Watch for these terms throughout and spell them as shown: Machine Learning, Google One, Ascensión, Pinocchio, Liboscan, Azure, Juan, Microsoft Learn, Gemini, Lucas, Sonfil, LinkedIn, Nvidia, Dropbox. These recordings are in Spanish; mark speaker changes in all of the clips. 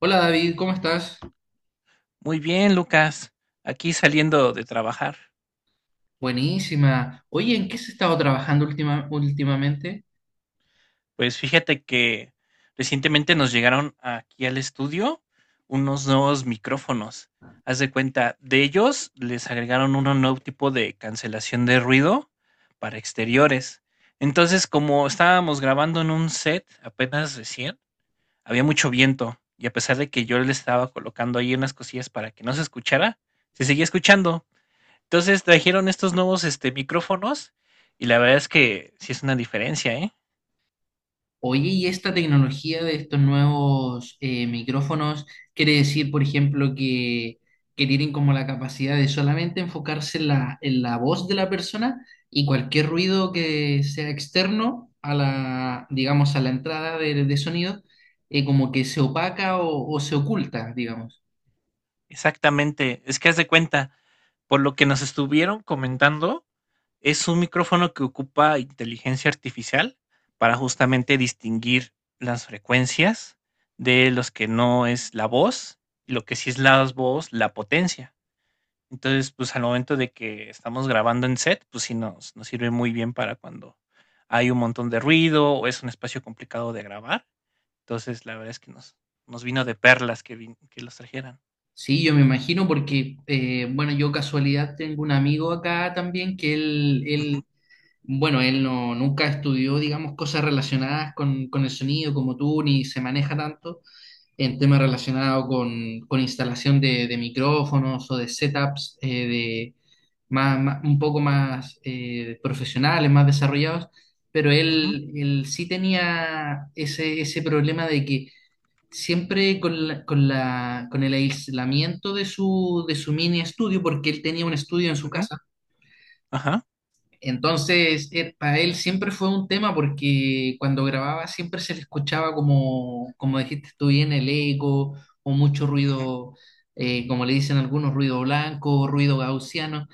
Speaker 1: Hola David, ¿cómo estás?
Speaker 2: Muy bien, Lucas. Aquí saliendo de trabajar.
Speaker 1: Buenísima. Oye, ¿en qué se ha estado trabajando últimamente?
Speaker 2: Pues fíjate que recientemente nos llegaron aquí al estudio unos nuevos micrófonos. Haz de cuenta, de ellos les agregaron un nuevo tipo de cancelación de ruido para exteriores. Entonces, como estábamos grabando en un set apenas recién, había mucho viento y a pesar de que yo le estaba colocando ahí unas cosillas para que no se escuchara, se seguía escuchando. Entonces trajeron estos nuevos micrófonos y la verdad es que sí es una diferencia, ¿eh?
Speaker 1: Oye, ¿y esta tecnología de estos nuevos micrófonos quiere decir, por ejemplo, que tienen como la capacidad de solamente enfocarse en en la voz de la persona y cualquier ruido que sea externo a la, digamos, a la entrada de sonido, como que se opaca o se oculta, digamos?
Speaker 2: Exactamente, es que haz de cuenta, por lo que nos estuvieron comentando, es un micrófono que ocupa inteligencia artificial para justamente distinguir las frecuencias de los que no es la voz y lo que sí es la voz, la potencia. Entonces, pues, al momento de que estamos grabando en set, pues sí nos sirve muy bien para cuando hay un montón de ruido, o es un espacio complicado de grabar. Entonces, la verdad es que nos vino de perlas que vin que los trajeran.
Speaker 1: Sí, yo me imagino porque, bueno, yo casualidad tengo un amigo acá también que él
Speaker 2: Ujú,
Speaker 1: bueno, él no, nunca estudió, digamos, cosas relacionadas con el sonido como tú, ni se maneja tanto en temas relacionados con instalación de micrófonos o de setups de un poco más profesionales, más desarrollados, pero
Speaker 2: ujú,
Speaker 1: él sí tenía ese problema de que siempre con el aislamiento de de su mini estudio, porque él tenía un estudio en su
Speaker 2: ujú,
Speaker 1: casa.
Speaker 2: ajá,
Speaker 1: Entonces, para él siempre fue un tema porque cuando grababa siempre se le escuchaba como, como dijiste tú bien, el eco o mucho
Speaker 2: ujú,
Speaker 1: ruido, como le dicen algunos, ruido blanco, ruido gaussiano.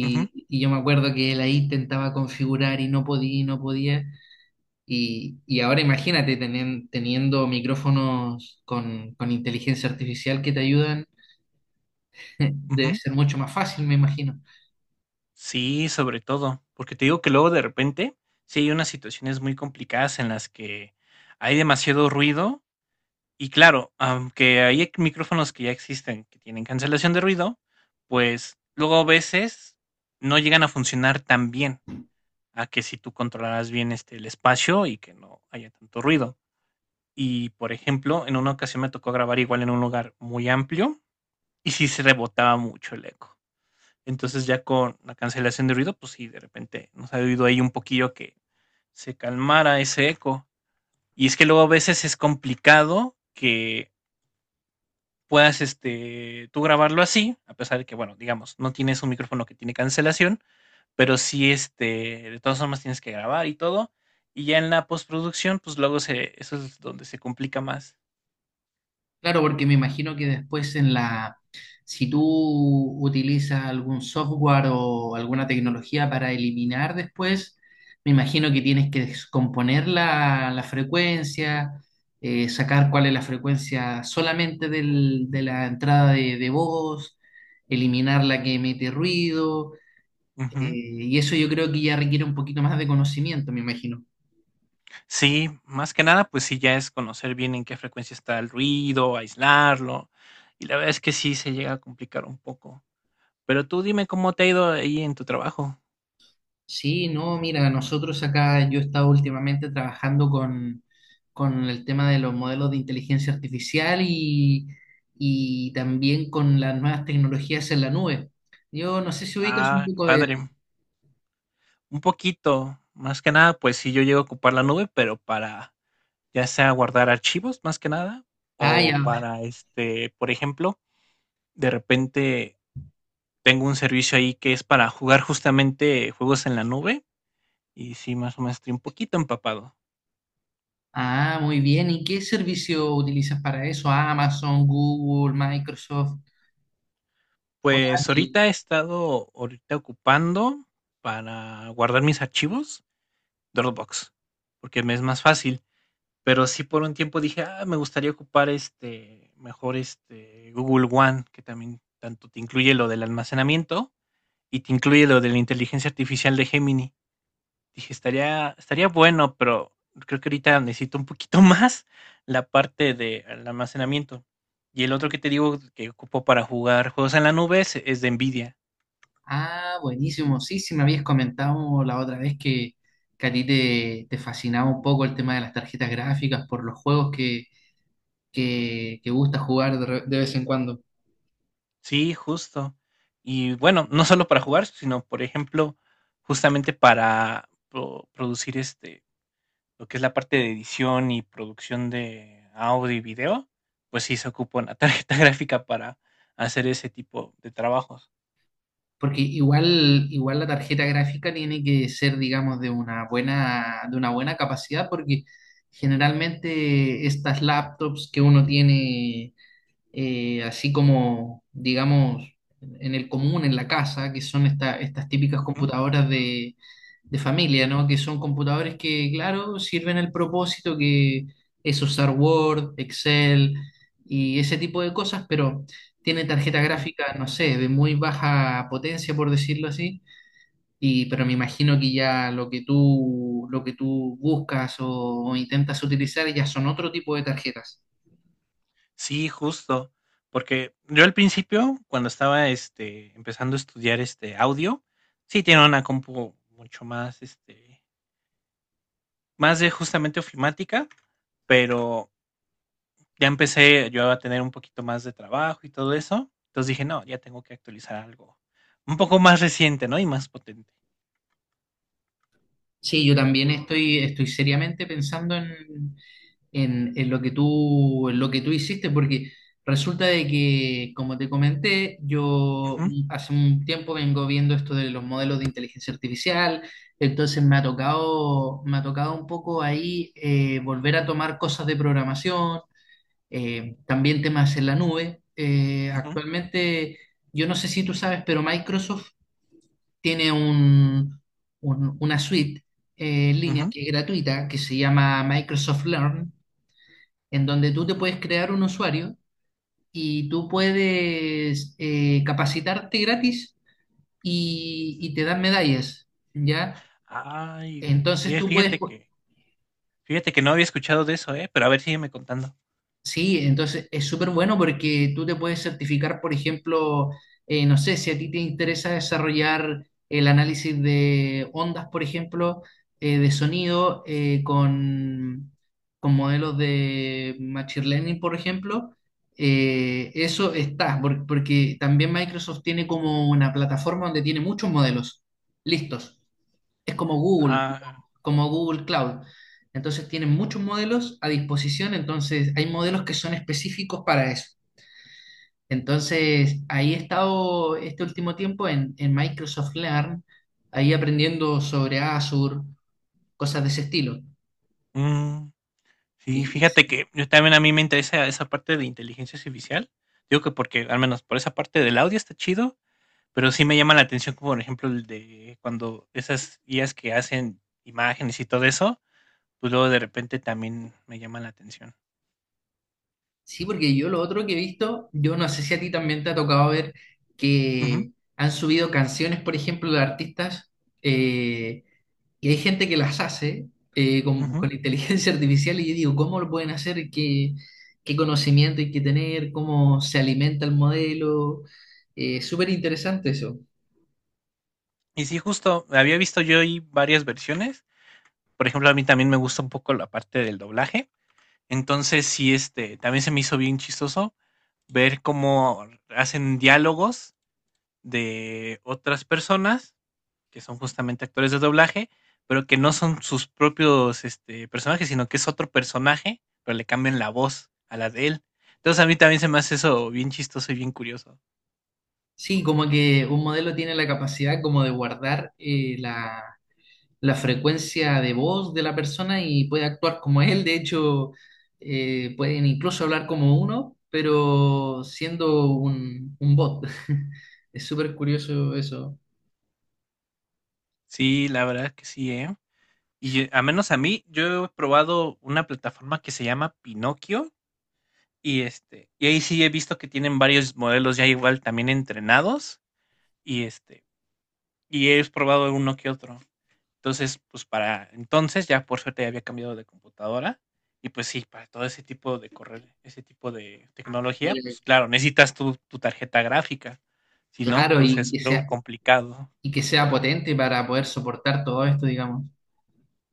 Speaker 2: ujú,
Speaker 1: y yo me acuerdo que él ahí intentaba configurar y no podía, y no podía. Y ahora imagínate teniendo micrófonos con inteligencia artificial que te ayudan, debe
Speaker 2: ujú.
Speaker 1: ser mucho más fácil, me imagino.
Speaker 2: Sí, sobre todo, porque te digo que luego de repente, sí hay unas situaciones muy complicadas en las que hay demasiado ruido. Y claro, aunque hay micrófonos que ya existen, que tienen cancelación de ruido, pues luego a veces no llegan a funcionar tan bien, a que si tú controlaras bien el espacio y que no haya tanto ruido. Y por ejemplo, en una ocasión me tocó grabar igual en un lugar muy amplio y sí se rebotaba mucho el eco. Entonces ya con la cancelación de ruido, pues sí, de repente nos ha oído ahí un poquillo que se calmara ese eco. Y es que luego a veces es complicado que puedas tú grabarlo así, a pesar de que, bueno, digamos, no tienes un micrófono que tiene cancelación, pero sí, de todas formas tienes que grabar y todo. Y ya en la postproducción, pues luego eso es donde se complica más.
Speaker 1: Claro, porque me imagino que después en si tú utilizas algún software o alguna tecnología para eliminar después, me imagino que tienes que descomponer la frecuencia, sacar cuál es la frecuencia solamente de la entrada de voz, eliminar la que emite ruido.
Speaker 2: Ujú.
Speaker 1: Eh, y eso yo creo que ya requiere un poquito más de conocimiento, me imagino.
Speaker 2: Sí, más que nada, pues sí, ya es conocer bien en qué frecuencia está el ruido, aislarlo. Y la verdad es que sí se llega a complicar un poco. Pero tú dime cómo te ha ido ahí en tu trabajo.
Speaker 1: Sí, no, mira, nosotros acá yo he estado últimamente trabajando con el tema de los modelos de inteligencia artificial y también con las nuevas tecnologías en la nube. Yo no sé si ubicas un
Speaker 2: Ah, qué
Speaker 1: poco de
Speaker 2: padre.
Speaker 1: eso.
Speaker 2: Un poquito. Más que nada, pues sí, yo llego a ocupar la nube, pero para ya sea guardar archivos, más que nada,
Speaker 1: Ah,
Speaker 2: o
Speaker 1: ya.
Speaker 2: para, por ejemplo, de repente tengo un servicio ahí que es para jugar justamente juegos en la nube y sí, más o menos estoy un poquito empapado.
Speaker 1: Ah, muy bien. ¿Y qué servicio utilizas para eso? Amazon, Google, Microsoft,
Speaker 2: Pues
Speaker 1: Oracle.
Speaker 2: ahorita he estado ahorita ocupando para guardar mis archivos Dropbox, porque me es más fácil. Pero sí por un tiempo dije, ah, me gustaría ocupar mejor este Google One, que también tanto te incluye lo del almacenamiento y te incluye lo de la inteligencia artificial de Gemini. Dije, estaría bueno, pero creo que ahorita necesito un poquito más la parte del almacenamiento. Y el otro que te digo que ocupo para jugar juegos en la nube es de Nvidia.
Speaker 1: Ah, buenísimo. Sí, sí, me habías comentado la otra vez que a ti te fascinaba un poco el tema de las tarjetas gráficas por los juegos que gusta jugar de, de vez en cuando.
Speaker 2: Sí, justo. Y bueno, no solo para jugar, sino por ejemplo, justamente para producir lo que es la parte de edición y producción de audio y video, pues sí se ocupa una tarjeta gráfica para hacer ese tipo de trabajos.
Speaker 1: Porque igual, igual la tarjeta gráfica tiene que ser, digamos, de una buena capacidad, porque generalmente estas laptops que uno tiene así como, digamos, en el común, en la casa, que son estas típicas
Speaker 2: Ujú,
Speaker 1: computadoras de familia, ¿no? Que son computadores que, claro, sirven el propósito que es usar Word, Excel y ese tipo de cosas, pero tiene tarjeta
Speaker 2: ujú.
Speaker 1: gráfica, no sé, de muy baja potencia, por decirlo así. Y pero me imagino que ya lo que tú buscas o intentas utilizar ya son otro tipo de tarjetas.
Speaker 2: Sí, justo, porque yo al principio, cuando estaba, empezando a estudiar, audio, sí tenía una compu mucho más, más de justamente ofimática, pero ya empecé yo a tener un poquito más de trabajo y todo eso, entonces dije: "No, ya tengo que actualizar algo un poco más reciente, ¿no? Y más potente".
Speaker 1: Sí, yo también estoy, estoy seriamente pensando en lo que tú, en lo que tú hiciste, porque resulta de que, como te comenté, yo
Speaker 2: Ujú,
Speaker 1: hace un tiempo vengo viendo esto de los modelos de inteligencia artificial, entonces me ha tocado un poco ahí volver a tomar cosas de programación, también temas en la nube.
Speaker 2: ujú,
Speaker 1: Actualmente, yo no sé si tú sabes, pero Microsoft tiene una suite en línea
Speaker 2: ujú,
Speaker 1: que es gratuita, que se llama Microsoft Learn, en donde tú te
Speaker 2: ujú.
Speaker 1: puedes crear un usuario y tú puedes capacitarte gratis y te dan medallas, ¿ya?
Speaker 2: Ay,
Speaker 1: Entonces
Speaker 2: oye,
Speaker 1: tú puedes,
Speaker 2: fíjate que no había escuchado de eso, ¿eh? Pero a ver, sígueme contando.
Speaker 1: sí, entonces es súper bueno porque tú te puedes certificar, por ejemplo, no sé, si a ti te interesa desarrollar el análisis de ondas, por ejemplo, de sonido con modelos de Machine Learning, por ejemplo, eso está, porque también Microsoft tiene como una plataforma donde tiene muchos modelos listos. Es
Speaker 2: Ah,
Speaker 1: como Google Cloud. Entonces tienen muchos modelos a disposición, entonces hay modelos que son específicos para eso. Entonces ahí he estado este último tiempo en Microsoft Learn, ahí aprendiendo sobre Azure, cosas de ese estilo.
Speaker 2: mm. Sí,
Speaker 1: Y
Speaker 2: fíjate que yo también a mí me interesa esa parte de inteligencia artificial. Digo que porque al menos por esa parte del audio está chido, pero sí me llama la atención como por ejemplo el de cuando esas IAs que hacen imágenes y todo eso, pues luego de repente también me llama la atención.
Speaker 1: sí, porque yo lo otro que he visto, yo no sé si a ti también te ha tocado ver
Speaker 2: Ujú,
Speaker 1: que han subido canciones, por ejemplo, de artistas, eh, que hay gente que las hace
Speaker 2: ujú.
Speaker 1: con inteligencia artificial y yo digo, ¿cómo lo pueden hacer? ¿Qué, qué conocimiento hay que tener? ¿Cómo se alimenta el modelo? Súper interesante eso.
Speaker 2: Y sí, justo había visto yo ahí varias versiones. Por ejemplo, a mí también me gusta un poco la parte del doblaje. Entonces, sí, también se me hizo bien chistoso ver cómo hacen diálogos de otras personas que son justamente actores de doblaje, pero que no son sus propios personajes, sino que es otro personaje, pero le cambian la voz a la de él. Entonces a mí también se me hace eso bien chistoso y bien curioso.
Speaker 1: Sí, como que un modelo tiene la capacidad como de guardar la frecuencia de voz de la persona y puede actuar como él. De hecho, pueden incluso hablar como uno, pero siendo un bot. Es súper curioso eso.
Speaker 2: Sí, la verdad que sí, ¿eh? Y a menos a mí, yo he probado una plataforma que se llama Pinocchio y y ahí sí he visto que tienen varios modelos ya igual también entrenados y y he probado uno que otro. Entonces, pues para entonces ya por suerte ya había cambiado de computadora y pues sí, para todo ese tipo de correr, ese tipo de
Speaker 1: Ah,
Speaker 2: tecnología,
Speaker 1: mira.
Speaker 2: pues claro, necesitas tu tarjeta gráfica. Si no,
Speaker 1: Claro,
Speaker 2: pues es luego complicado.
Speaker 1: y que sea potente para poder soportar todo esto, digamos.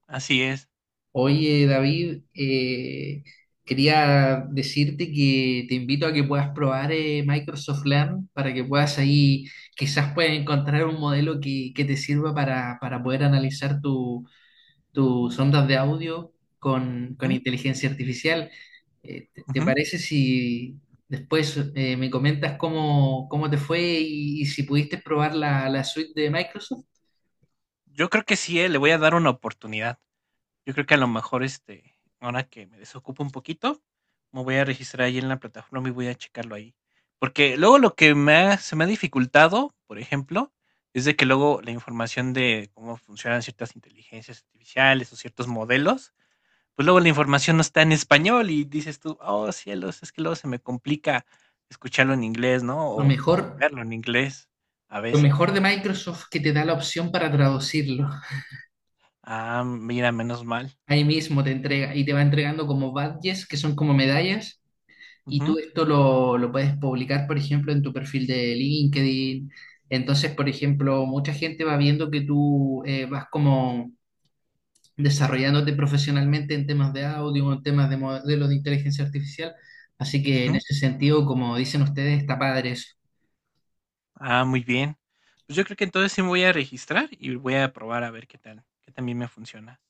Speaker 2: Así es.
Speaker 1: Oye, David, quería decirte que te invito a que puedas probar Microsoft Learn para que puedas ahí, quizás puedas encontrar un modelo que te sirva para poder analizar tus ondas de audio con
Speaker 2: Ujú,
Speaker 1: inteligencia artificial. Te
Speaker 2: ujú.
Speaker 1: parece si después me comentas cómo, cómo te fue y si pudiste probar la suite de Microsoft?
Speaker 2: Yo creo que sí, le voy a dar una oportunidad. Yo creo que a lo mejor, ahora que me desocupo un poquito, me voy a registrar ahí en la plataforma y voy a checarlo ahí. Porque luego lo que se me ha dificultado, por ejemplo, es de que luego la información de cómo funcionan ciertas inteligencias artificiales o ciertos modelos, pues luego la información no está en español y dices tú, oh cielos, es que luego se me complica escucharlo en inglés, ¿no?
Speaker 1: Lo
Speaker 2: O
Speaker 1: mejor,
Speaker 2: verlo en inglés a
Speaker 1: lo mejor
Speaker 2: veces.
Speaker 1: de Microsoft que te da la opción para traducirlo.
Speaker 2: Ah, mira, menos mal.
Speaker 1: Ahí mismo te entrega y te va entregando como badges, que son como medallas, y tú
Speaker 2: Ujú,
Speaker 1: esto lo puedes publicar, por ejemplo, en tu perfil de LinkedIn. Entonces, por ejemplo, mucha gente va viendo que tú vas como desarrollándote profesionalmente en temas de audio, en temas de modelos de inteligencia artificial. Así que en
Speaker 2: ujú.
Speaker 1: ese sentido, como dicen ustedes, está padre eso.
Speaker 2: Ah, muy bien. Pues yo creo que entonces sí me voy a registrar y voy a probar a ver qué tal, qué también me funciona.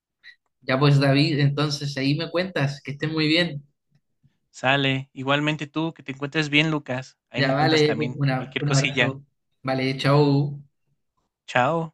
Speaker 1: Ya pues, David, entonces ahí me cuentas, que estés muy bien.
Speaker 2: Sale. Igualmente tú, que te encuentres bien, Lucas. Ahí
Speaker 1: Ya
Speaker 2: me cuentas
Speaker 1: vale,
Speaker 2: también cualquier
Speaker 1: un
Speaker 2: cosilla.
Speaker 1: abrazo. Vale, chao.
Speaker 2: Chao.